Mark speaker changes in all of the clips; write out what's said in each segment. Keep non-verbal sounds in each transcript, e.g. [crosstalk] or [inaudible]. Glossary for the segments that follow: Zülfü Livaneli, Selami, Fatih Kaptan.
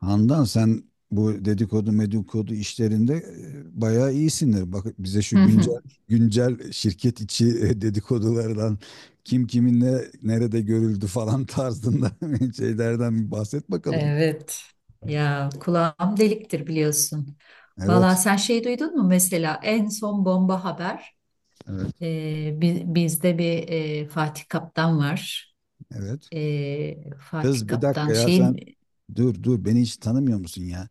Speaker 1: Handan, sen bu dedikodu medikodu işlerinde bayağı iyisindir. Bak bize şu
Speaker 2: Hı hı.
Speaker 1: güncel güncel şirket içi dedikodulardan kim kiminle nerede görüldü falan tarzında [laughs] şeylerden bir bahset bakalım.
Speaker 2: Evet. Ya kulağım deliktir biliyorsun. Valla
Speaker 1: Evet,
Speaker 2: sen şey duydun mu mesela en son bomba haber.
Speaker 1: evet,
Speaker 2: Bizde bir Fatih Kaptan var.
Speaker 1: evet.
Speaker 2: E, Fatih
Speaker 1: Kız, bir dakika
Speaker 2: Kaptan
Speaker 1: ya, sen
Speaker 2: şeyin.
Speaker 1: dur dur, beni hiç tanımıyor musun ya?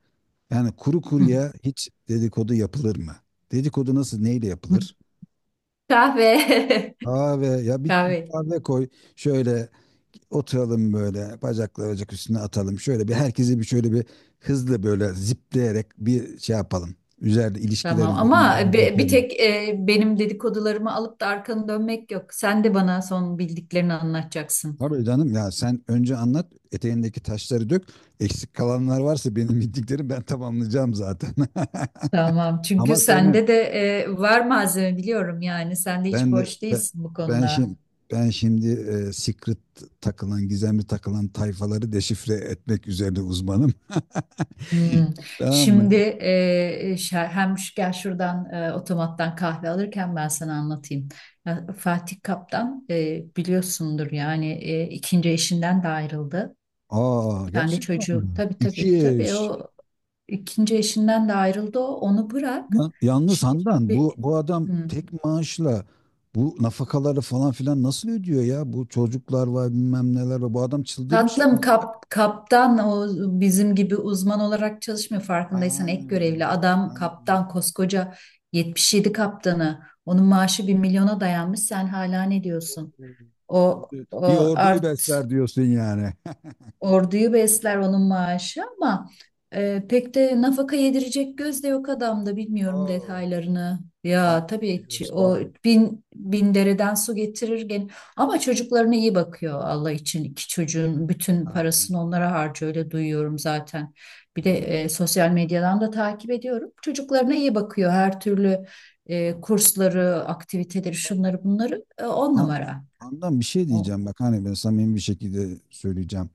Speaker 1: Yani kuru
Speaker 2: Hı.
Speaker 1: kuruya hiç dedikodu yapılır mı? Dedikodu nasıl, neyle yapılır?
Speaker 2: Kahve. [laughs]
Speaker 1: Kahve, ya bir
Speaker 2: Kahve,
Speaker 1: kahve koy şöyle. Oturalım, böyle bacakları bacak üstüne atalım. Şöyle bir herkesi bir şöyle bir hızlı böyle zipleyerek bir şey yapalım. Üzerinde ilişkiler
Speaker 2: tamam ama
Speaker 1: üzerinden
Speaker 2: bir
Speaker 1: geçelim.
Speaker 2: tek benim dedikodularımı alıp da arkanı dönmek yok. Sen de bana son bildiklerini anlatacaksın.
Speaker 1: Tabii canım, ya sen önce anlat, eteğindeki taşları dök. Eksik kalanlar varsa benim bildiklerim, ben tamamlayacağım zaten. [laughs]
Speaker 2: Tamam. Çünkü
Speaker 1: Ama seni
Speaker 2: sende de var malzeme, biliyorum yani. Sen de hiç
Speaker 1: ben de
Speaker 2: boş
Speaker 1: ben,
Speaker 2: değilsin bu
Speaker 1: ben şimdi
Speaker 2: konuda.
Speaker 1: ben şimdi secret takılan, gizemli takılan tayfaları deşifre etmek üzerine uzmanım. [laughs]
Speaker 2: Hmm.
Speaker 1: Tamam
Speaker 2: Şimdi
Speaker 1: mı?
Speaker 2: gel şuradan otomattan kahve alırken ben sana anlatayım. Ya, Fatih Kaptan, biliyorsundur yani, ikinci eşinden de ayrıldı.
Speaker 1: Aa,
Speaker 2: Kendi
Speaker 1: gerçekten
Speaker 2: çocuğu,
Speaker 1: mi?
Speaker 2: tabii tabii
Speaker 1: İki
Speaker 2: tabii,
Speaker 1: eş.
Speaker 2: o ikinci eşinden de ayrıldı, o onu bırak.
Speaker 1: Yalnız
Speaker 2: Şimdi,
Speaker 1: Handan,
Speaker 2: e,
Speaker 1: bu adam
Speaker 2: hmm.
Speaker 1: tek maaşla bu nafakaları falan filan nasıl ödüyor ya? Bu çocuklar var, bilmem neler var. Bu adam çıldırmış
Speaker 2: tatlım,
Speaker 1: herhalde.
Speaker 2: kaptan o bizim gibi uzman olarak çalışmıyor
Speaker 1: Ha,
Speaker 2: farkındaysan, ek görevli adam,
Speaker 1: ha.
Speaker 2: kaptan, koskoca 77 kaptanı, onun maaşı 1 milyona dayanmış, sen hala ne diyorsun? O,
Speaker 1: Bir
Speaker 2: o
Speaker 1: orduyu besler diyorsun yani. [laughs]
Speaker 2: orduyu besler onun maaşı, ama pek de nafaka yedirecek göz de yok adamda, bilmiyorum
Speaker 1: Aa,
Speaker 2: detaylarını.
Speaker 1: vay
Speaker 2: Ya tabii,
Speaker 1: be, göz
Speaker 2: o
Speaker 1: vay.
Speaker 2: bin dereden su getirir gene. Ama çocuklarına iyi bakıyor Allah için. İki çocuğun bütün
Speaker 1: Ha,
Speaker 2: parasını onlara harcıyor, öyle duyuyorum zaten. Bir de
Speaker 1: ha.
Speaker 2: sosyal medyadan da takip ediyorum. Çocuklarına iyi bakıyor her türlü, kursları, aktiviteleri, şunları bunları, on
Speaker 1: Ha,
Speaker 2: numara.
Speaker 1: Handan, bir şey
Speaker 2: O,
Speaker 1: diyeceğim bak, hani ben samimi bir şekilde söyleyeceğim.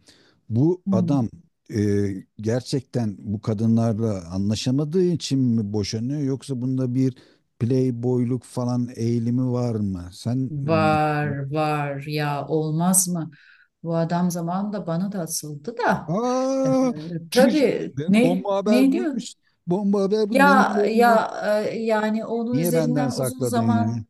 Speaker 1: Bu
Speaker 2: Hmm.
Speaker 1: adam e, gerçekten bu kadınlarla anlaşamadığı için mi boşanıyor, yoksa bunda bir playboyluk falan eğilimi var mı?
Speaker 2: Var var ya, olmaz mı? Bu adam zamanında bana da asıldı da. Ee,
Speaker 1: Aa, çüş,
Speaker 2: tabii,
Speaker 1: bomba haber
Speaker 2: ne diyor?
Speaker 1: buymuş. Bomba haber bu. Benim
Speaker 2: Ya
Speaker 1: haberim yok.
Speaker 2: ya, yani onun
Speaker 1: Niye benden
Speaker 2: üzerinden uzun
Speaker 1: sakladın ya?
Speaker 2: zaman,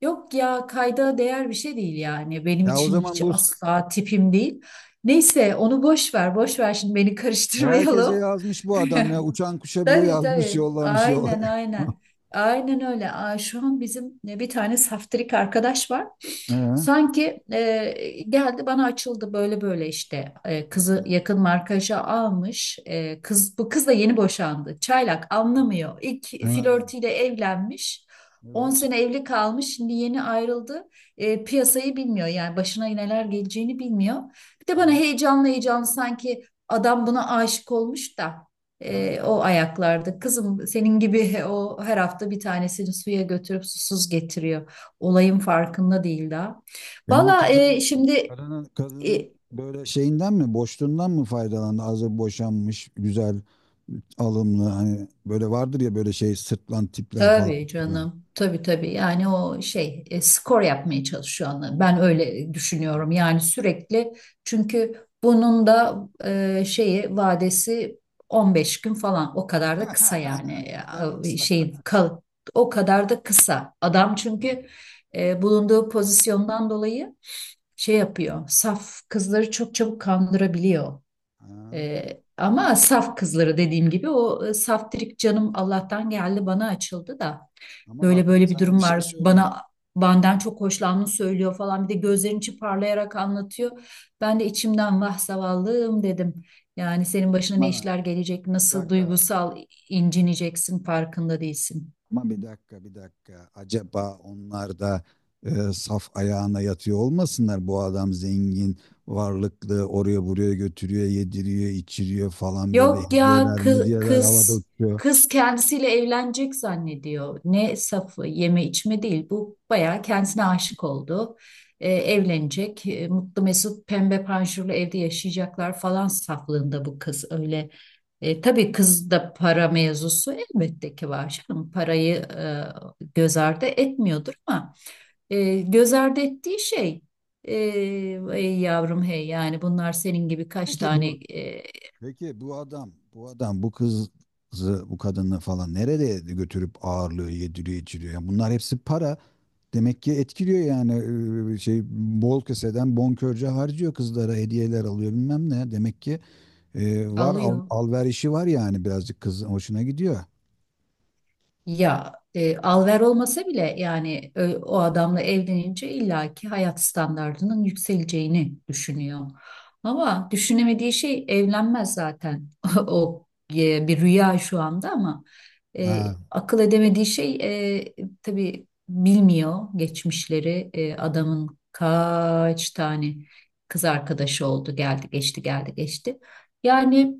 Speaker 2: yok ya, kayda değer bir şey değil yani. Benim
Speaker 1: Ya o
Speaker 2: için
Speaker 1: zaman
Speaker 2: hiç,
Speaker 1: bu
Speaker 2: asla tipim değil. Neyse onu boş ver boş ver, şimdi beni [laughs]
Speaker 1: herkese
Speaker 2: karıştırmayalım.
Speaker 1: yazmış bu adam ya. Uçan kuşa bile
Speaker 2: Tabii
Speaker 1: yazmış,
Speaker 2: tabii,
Speaker 1: yollamış yolla.
Speaker 2: aynen
Speaker 1: [laughs]
Speaker 2: aynen. Aynen öyle. Aa, şu an bizim bir tane saftirik arkadaş var.
Speaker 1: Ha,
Speaker 2: Sanki geldi bana açıldı böyle böyle işte. Kızı yakın markaja almış. E, kız Bu kız da yeni boşandı. Çaylak anlamıyor. İlk
Speaker 1: ha,
Speaker 2: flörtüyle evlenmiş. on
Speaker 1: evet.
Speaker 2: sene evli kalmış. Şimdi yeni ayrıldı. Piyasayı bilmiyor yani, başına neler geleceğini bilmiyor. Bir de bana
Speaker 1: Evet.
Speaker 2: heyecanlı heyecanlı, sanki adam buna aşık olmuş da
Speaker 1: Ha.
Speaker 2: o ayaklarda. Kızım, senin gibi [laughs] o her hafta bir tanesini suya götürüp susuz getiriyor. Olayın farkında değil daha.
Speaker 1: Yani
Speaker 2: Valla,
Speaker 1: kadın, kadının, kadının
Speaker 2: e,
Speaker 1: böyle şeyinden mi, boşluğundan mı faydalandı? Hazır boşanmış, güzel, alımlı, hani böyle vardır ya, böyle şey sırtlan tipler falan
Speaker 2: tabii
Speaker 1: filan.
Speaker 2: canım, tabii tabii yani, o şey, skor yapmaya çalışıyor, anla. Ben öyle düşünüyorum yani, sürekli, çünkü bunun da şeyi vadesi 15 gün falan, o kadar da kısa yani.
Speaker 1: [laughs] O kadar mı
Speaker 2: E,
Speaker 1: kısa?
Speaker 2: şey kal, O kadar da kısa adam, çünkü bulunduğu pozisyondan dolayı şey yapıyor, saf kızları çok çabuk kandırabiliyor.
Speaker 1: Ha,
Speaker 2: Ama
Speaker 1: işte.
Speaker 2: saf kızları, dediğim gibi, o saftirik canım Allah'tan geldi bana açıldı da
Speaker 1: Ama
Speaker 2: böyle
Speaker 1: bak, ben
Speaker 2: böyle bir
Speaker 1: sana bir
Speaker 2: durum
Speaker 1: şey
Speaker 2: var,
Speaker 1: söyleyeyim.
Speaker 2: bana benden çok hoşlandığını söylüyor falan, bir de gözlerin içi parlayarak anlatıyor. Ben de içimden vah zavallım dedim. Yani senin başına ne
Speaker 1: Ha,
Speaker 2: işler gelecek,
Speaker 1: bir
Speaker 2: nasıl
Speaker 1: dakika.
Speaker 2: duygusal incineceksin farkında değilsin.
Speaker 1: Ama bir dakika, bir dakika. Acaba onlar da saf ayağına yatıyor olmasınlar? Bu adam zengin, varlıklı, oraya buraya götürüyor, yediriyor, içiriyor falan, böyle
Speaker 2: Yok ya,
Speaker 1: hediyeler,
Speaker 2: kız
Speaker 1: medyeler havada
Speaker 2: kız
Speaker 1: uçuyor.
Speaker 2: kız kendisiyle evlenecek zannediyor. Ne safı, yeme içme değil bu, bayağı kendisine aşık oldu. Evlenecek, mutlu mesut pembe panjurlu evde yaşayacaklar falan saflığında, bu kız öyle. Tabii kız da, para mevzusu elbette ki var canım. Parayı göz ardı etmiyordur, ama göz ardı ettiği şey, e, ey yavrum hey, yani bunlar senin gibi kaç
Speaker 1: Peki
Speaker 2: tane
Speaker 1: bu peki bu adam, bu adam, bu kızı, bu kadını falan nerede götürüp ağırlıyor, yediriyor, içiriyor? Yani bunlar hepsi para. Demek ki etkiliyor yani, şey, bol keseden bonkörce harcıyor, kızlara hediyeler alıyor bilmem ne. Demek ki var,
Speaker 2: alıyor.
Speaker 1: alverişi var yani, birazcık kız hoşuna gidiyor.
Speaker 2: Ya, al olmasa bile yani, o adamla evlenince illaki hayat standartının yükseleceğini düşünüyor. Ama düşünemediği şey, evlenmez zaten. [laughs] O bir rüya şu anda, ama e,
Speaker 1: Ha,
Speaker 2: akıl edemediği şey, e, tabii bilmiyor geçmişleri. Adamın kaç tane kız arkadaşı oldu, geldi geçti geldi geçti. Yani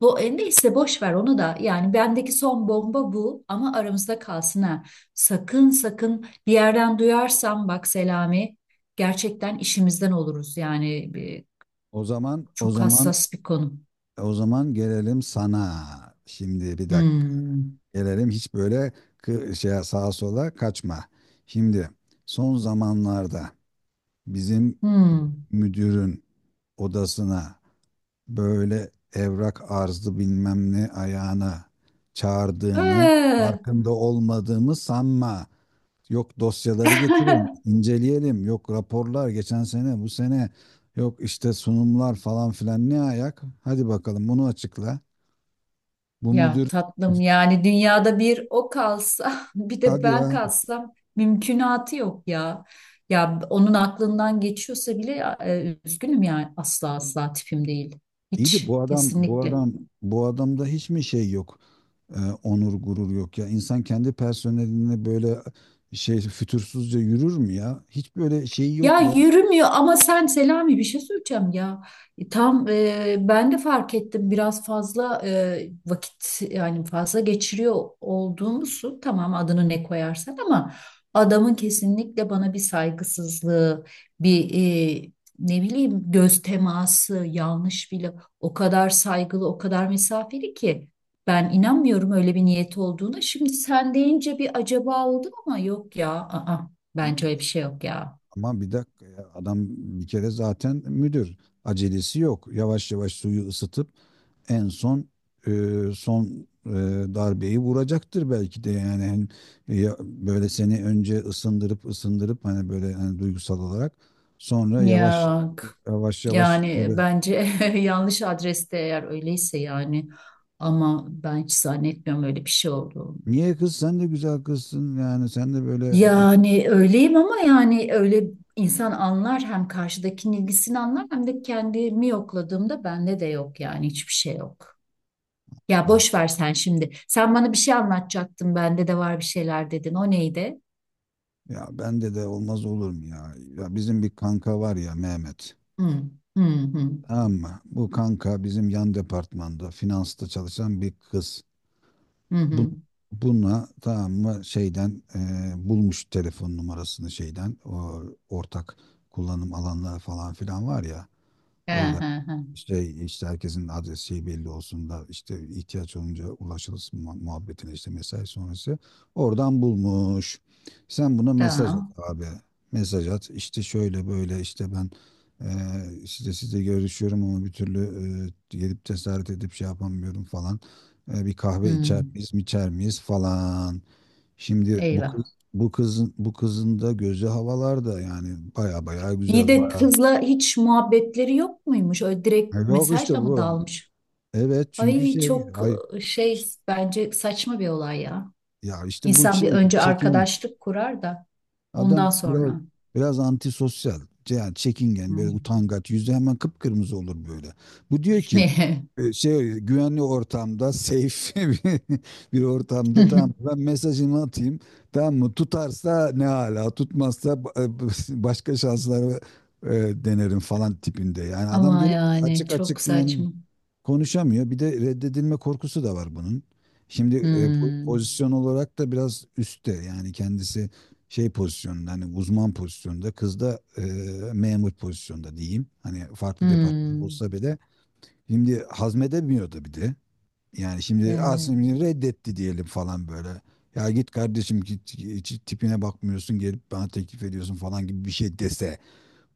Speaker 2: bu, neyse boş ver onu da. Yani bendeki son bomba bu, ama aramızda kalsın ha. Sakın sakın bir yerden duyarsam bak Selami, gerçekten işimizden oluruz. Yani
Speaker 1: o zaman o
Speaker 2: çok
Speaker 1: zaman
Speaker 2: hassas bir konu.
Speaker 1: o zaman gelelim sana. Şimdi bir dakika.
Speaker 2: Hmm.
Speaker 1: Gelelim, hiç böyle şey, sağa sola kaçma. Şimdi son zamanlarda bizim
Speaker 2: Hmm.
Speaker 1: müdürün odasına böyle evrak arzı bilmem ne ayağına çağırdığını,
Speaker 2: Ee.
Speaker 1: farkında olmadığımı sanma. Yok, dosyaları getirin,
Speaker 2: [laughs]
Speaker 1: inceleyelim. Yok, raporlar geçen sene, bu sene. Yok işte sunumlar falan filan, ne ayak? Hadi bakalım, bunu açıkla. Bu
Speaker 2: Ya
Speaker 1: müdür,
Speaker 2: tatlım, yani dünyada bir o kalsa [laughs] bir de
Speaker 1: hadi
Speaker 2: ben
Speaker 1: ya.
Speaker 2: kalsam, mümkünatı yok ya. Ya onun aklından geçiyorsa bile, üzgünüm yani, asla asla tipim değil.
Speaker 1: İyi de
Speaker 2: Hiç,
Speaker 1: bu adam bu
Speaker 2: kesinlikle.
Speaker 1: adam bu adamda hiç mi şey yok? Onur gurur yok ya. İnsan kendi personeline böyle şey fütursuzca yürür mü ya? Hiç böyle şey yok
Speaker 2: Ya
Speaker 1: ya.
Speaker 2: yürümüyor, ama sen Selami, bir şey söyleyeceğim ya. Tam, ben de fark ettim biraz fazla, vakit yani fazla geçiriyor olduğumuzu, tamam adını ne koyarsan, ama adamın kesinlikle bana bir saygısızlığı, bir, e, ne bileyim, göz teması yanlış bile, o kadar saygılı, o kadar mesafeli ki, ben inanmıyorum öyle bir niyet olduğuna. Şimdi sen deyince bir acaba oldum, ama yok ya. Aa,
Speaker 1: Ama
Speaker 2: bence öyle bir şey yok ya.
Speaker 1: Ama bir dakika ya, adam bir kere zaten müdür. Acelesi yok. Yavaş yavaş suyu ısıtıp en son e, son e, darbeyi vuracaktır belki de yani. Hani, böyle seni önce ısındırıp ısındırıp, hani böyle, hani duygusal olarak sonra yavaş
Speaker 2: Ya,
Speaker 1: yavaş yavaş
Speaker 2: yani
Speaker 1: böyle.
Speaker 2: bence [laughs] yanlış adreste, eğer öyleyse yani, ama ben hiç zannetmiyorum öyle bir şey olduğunu.
Speaker 1: Niye kız, sen de güzel kızsın yani, sen de böyle.
Speaker 2: Yani öyleyim ama, yani öyle, insan anlar, hem karşıdakinin ilgisini anlar, hem de kendimi yokladığımda bende de yok yani, hiçbir şey yok. Ya
Speaker 1: "Ah,
Speaker 2: boş ver sen şimdi. Sen bana bir şey anlatacaktın, bende de var bir şeyler dedin. O neydi?
Speaker 1: ya bende de olmaz olur mu ya? Ya bizim bir kanka var ya, Mehmet.
Speaker 2: Hı hı, hı
Speaker 1: Tamam mı? Bu kanka bizim yan departmanda finansta çalışan bir kız.
Speaker 2: hı hı.
Speaker 1: Bu,
Speaker 2: Hı.
Speaker 1: buna tamam mı, şeyden bulmuş telefon numarasını, şeyden, o ortak kullanım alanları falan filan var ya.
Speaker 2: He,
Speaker 1: Orada
Speaker 2: he, he.
Speaker 1: işte herkesin adresi belli olsun da işte ihtiyaç olunca ulaşılsın muhabbetine, işte mesai sonrası. Oradan bulmuş. Sen buna mesaj at
Speaker 2: Tamam.
Speaker 1: abi. Mesaj at. İşte şöyle böyle işte ben size görüşüyorum ama bir türlü gelip cesaret edip şey yapamıyorum falan. Bir kahve
Speaker 2: Hı.
Speaker 1: içer miyiz falan. Şimdi bu kız
Speaker 2: Eyvah.
Speaker 1: bu kızın bu kızın da gözü havalarda yani, baya baya
Speaker 2: İyi
Speaker 1: güzel,
Speaker 2: de
Speaker 1: baya.
Speaker 2: kızla hiç muhabbetleri yok muymuş? Öyle direkt
Speaker 1: Yok işte
Speaker 2: mesajla mı
Speaker 1: bu.
Speaker 2: dalmış?
Speaker 1: Evet, çünkü
Speaker 2: Ay
Speaker 1: şey,
Speaker 2: çok,
Speaker 1: ay,
Speaker 2: şey bence saçma bir olay ya.
Speaker 1: ya işte bu
Speaker 2: İnsan bir
Speaker 1: şey
Speaker 2: önce
Speaker 1: çekingen.
Speaker 2: arkadaşlık kurar da
Speaker 1: Adam
Speaker 2: ondan
Speaker 1: biraz
Speaker 2: sonra.
Speaker 1: biraz antisosyal. Yani çekingen, böyle
Speaker 2: Hmm.
Speaker 1: utangaç, yüzü hemen kıpkırmızı olur böyle. Bu diyor ki şey, güvenli ortamda, safe, [laughs] bir bir ortamda, tamam,
Speaker 2: [laughs]
Speaker 1: ben mesajımı atayım, tamam mı, tutarsa ne hala, tutmazsa [laughs] başka şansları denerim falan tipinde. Yani adam
Speaker 2: Ama
Speaker 1: gelip
Speaker 2: yani
Speaker 1: açık
Speaker 2: çok
Speaker 1: açık yani
Speaker 2: saçma.
Speaker 1: konuşamıyor. Bir de reddedilme korkusu da var bunun. Şimdi po-
Speaker 2: Hmm.
Speaker 1: pozisyon olarak da biraz üstte yani, kendisi şey pozisyonunda, hani uzman pozisyonda, kız da memur pozisyonda diyeyim. Hani farklı departman
Speaker 2: Hmm.
Speaker 1: olsa bile şimdi hazmedemiyordu bir de. Yani şimdi
Speaker 2: Evet.
Speaker 1: aslında reddetti diyelim falan böyle. Ya git kardeşim, git, hiç tipine bakmıyorsun, gelip bana teklif ediyorsun falan gibi bir şey dese,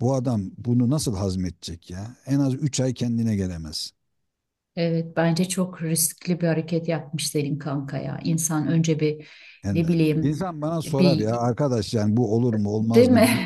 Speaker 1: bu adam bunu nasıl hazmedecek ya? En az 3 ay kendine gelemez.
Speaker 2: Evet, bence çok riskli bir hareket yapmış senin kanka ya. İnsan önce bir,
Speaker 1: Yani
Speaker 2: ne bileyim,
Speaker 1: insan bana sorar ya
Speaker 2: bir.
Speaker 1: arkadaş, yani bu olur mu olmaz
Speaker 2: Değil
Speaker 1: mı?
Speaker 2: mi?
Speaker 1: Bir,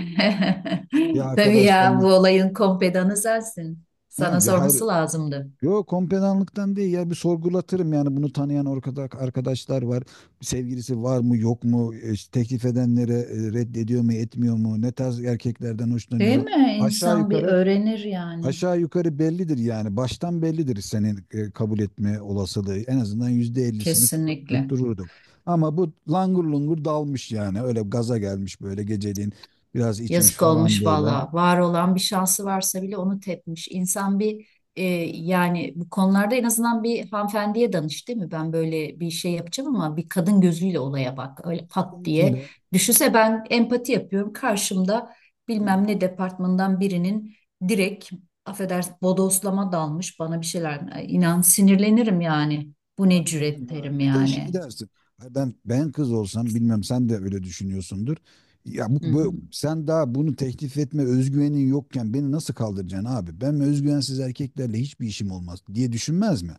Speaker 2: [laughs]
Speaker 1: bir
Speaker 2: Tabii ya, bu
Speaker 1: arkadaşlarını.
Speaker 2: olayın kompedanı sensin.
Speaker 1: Ha,
Speaker 2: Sana
Speaker 1: ya hayır,
Speaker 2: sorması lazımdı.
Speaker 1: yok, kompedanlıktan değil ya, bir sorgulatırım yani, bunu tanıyan ortada arkadaşlar var. Sevgilisi var mı yok mu? İşte teklif edenlere reddediyor mu etmiyor mu? Ne tarz erkeklerden
Speaker 2: Değil
Speaker 1: hoşlanıyor?
Speaker 2: mi?
Speaker 1: Aşağı
Speaker 2: İnsan bir
Speaker 1: yukarı
Speaker 2: öğrenir yani.
Speaker 1: Aşağı yukarı bellidir yani, baştan bellidir senin kabul etme olasılığı, en azından %50'sini tut-
Speaker 2: Kesinlikle.
Speaker 1: tuttururduk. Ama bu langur lungur dalmış yani, öyle gaza gelmiş böyle, geceliğin biraz içmiş
Speaker 2: Yazık
Speaker 1: falan
Speaker 2: olmuş
Speaker 1: böyle.
Speaker 2: valla. Var olan bir şansı varsa bile onu tepmiş. İnsan bir, e, yani bu konularda en azından bir hanımefendiye danış değil mi? Ben böyle bir şey yapacağım ama, bir kadın gözüyle olaya bak. Öyle pat diye.
Speaker 1: Gözüyle,
Speaker 2: Düşünse, ben empati yapıyorum. Karşımda
Speaker 1: yani,
Speaker 2: bilmem ne departmandan birinin direkt, affedersin, bodoslama dalmış bana bir şeyler. Ay, İnan sinirlenirim yani. Bu ne
Speaker 1: abi
Speaker 2: cüret
Speaker 1: canım ya,
Speaker 2: derim
Speaker 1: bir de şey
Speaker 2: yani.
Speaker 1: dersin. Ay, ben kız olsam, bilmem, sen de öyle düşünüyorsundur. Ya bu
Speaker 2: Hmm,
Speaker 1: sen daha bunu teklif etme özgüvenin yokken beni nasıl kaldıracaksın abi? Ben özgüvensiz erkeklerle hiçbir işim olmaz diye düşünmez mi?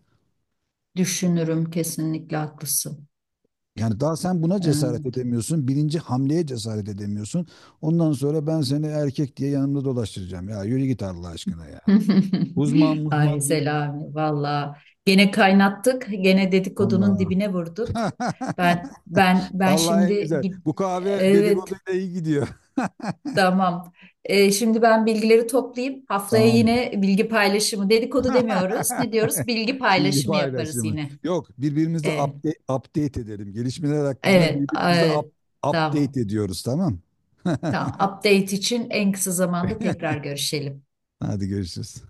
Speaker 2: düşünürüm, kesinlikle haklısın.
Speaker 1: Yani daha sen buna cesaret
Speaker 2: Ee,
Speaker 1: edemiyorsun. Birinci hamleye cesaret edemiyorsun. Ondan sonra ben seni erkek diye yanımda dolaştıracağım. Ya yürü git Allah aşkına ya.
Speaker 2: [laughs]
Speaker 1: Uzman
Speaker 2: Ay
Speaker 1: uzman değil.
Speaker 2: Selami, valla gene kaynattık, gene dedikodunun
Speaker 1: Allah.
Speaker 2: dibine vurduk.
Speaker 1: [laughs]
Speaker 2: Ben
Speaker 1: Allah en
Speaker 2: şimdi
Speaker 1: güzel.
Speaker 2: git,
Speaker 1: Bu kahve
Speaker 2: evet,
Speaker 1: dedikoduyla iyi gidiyor. [laughs]
Speaker 2: tamam. Şimdi ben bilgileri toplayayım. Haftaya
Speaker 1: Tamam.
Speaker 2: yine bilgi paylaşımı, dedikodu demiyoruz. Ne diyoruz?
Speaker 1: [laughs]
Speaker 2: Bilgi
Speaker 1: Bilgi
Speaker 2: paylaşımı yaparız
Speaker 1: paylaşımı.
Speaker 2: yine.
Speaker 1: Yok, birbirimizi
Speaker 2: Ee,
Speaker 1: update edelim. Gelişmeler hakkında
Speaker 2: evet,
Speaker 1: birbirimizi
Speaker 2: evet, tamam.
Speaker 1: update ediyoruz, tamam? [laughs]
Speaker 2: Tamam. Update için en kısa zamanda tekrar görüşelim.
Speaker 1: Hadi görüşürüz.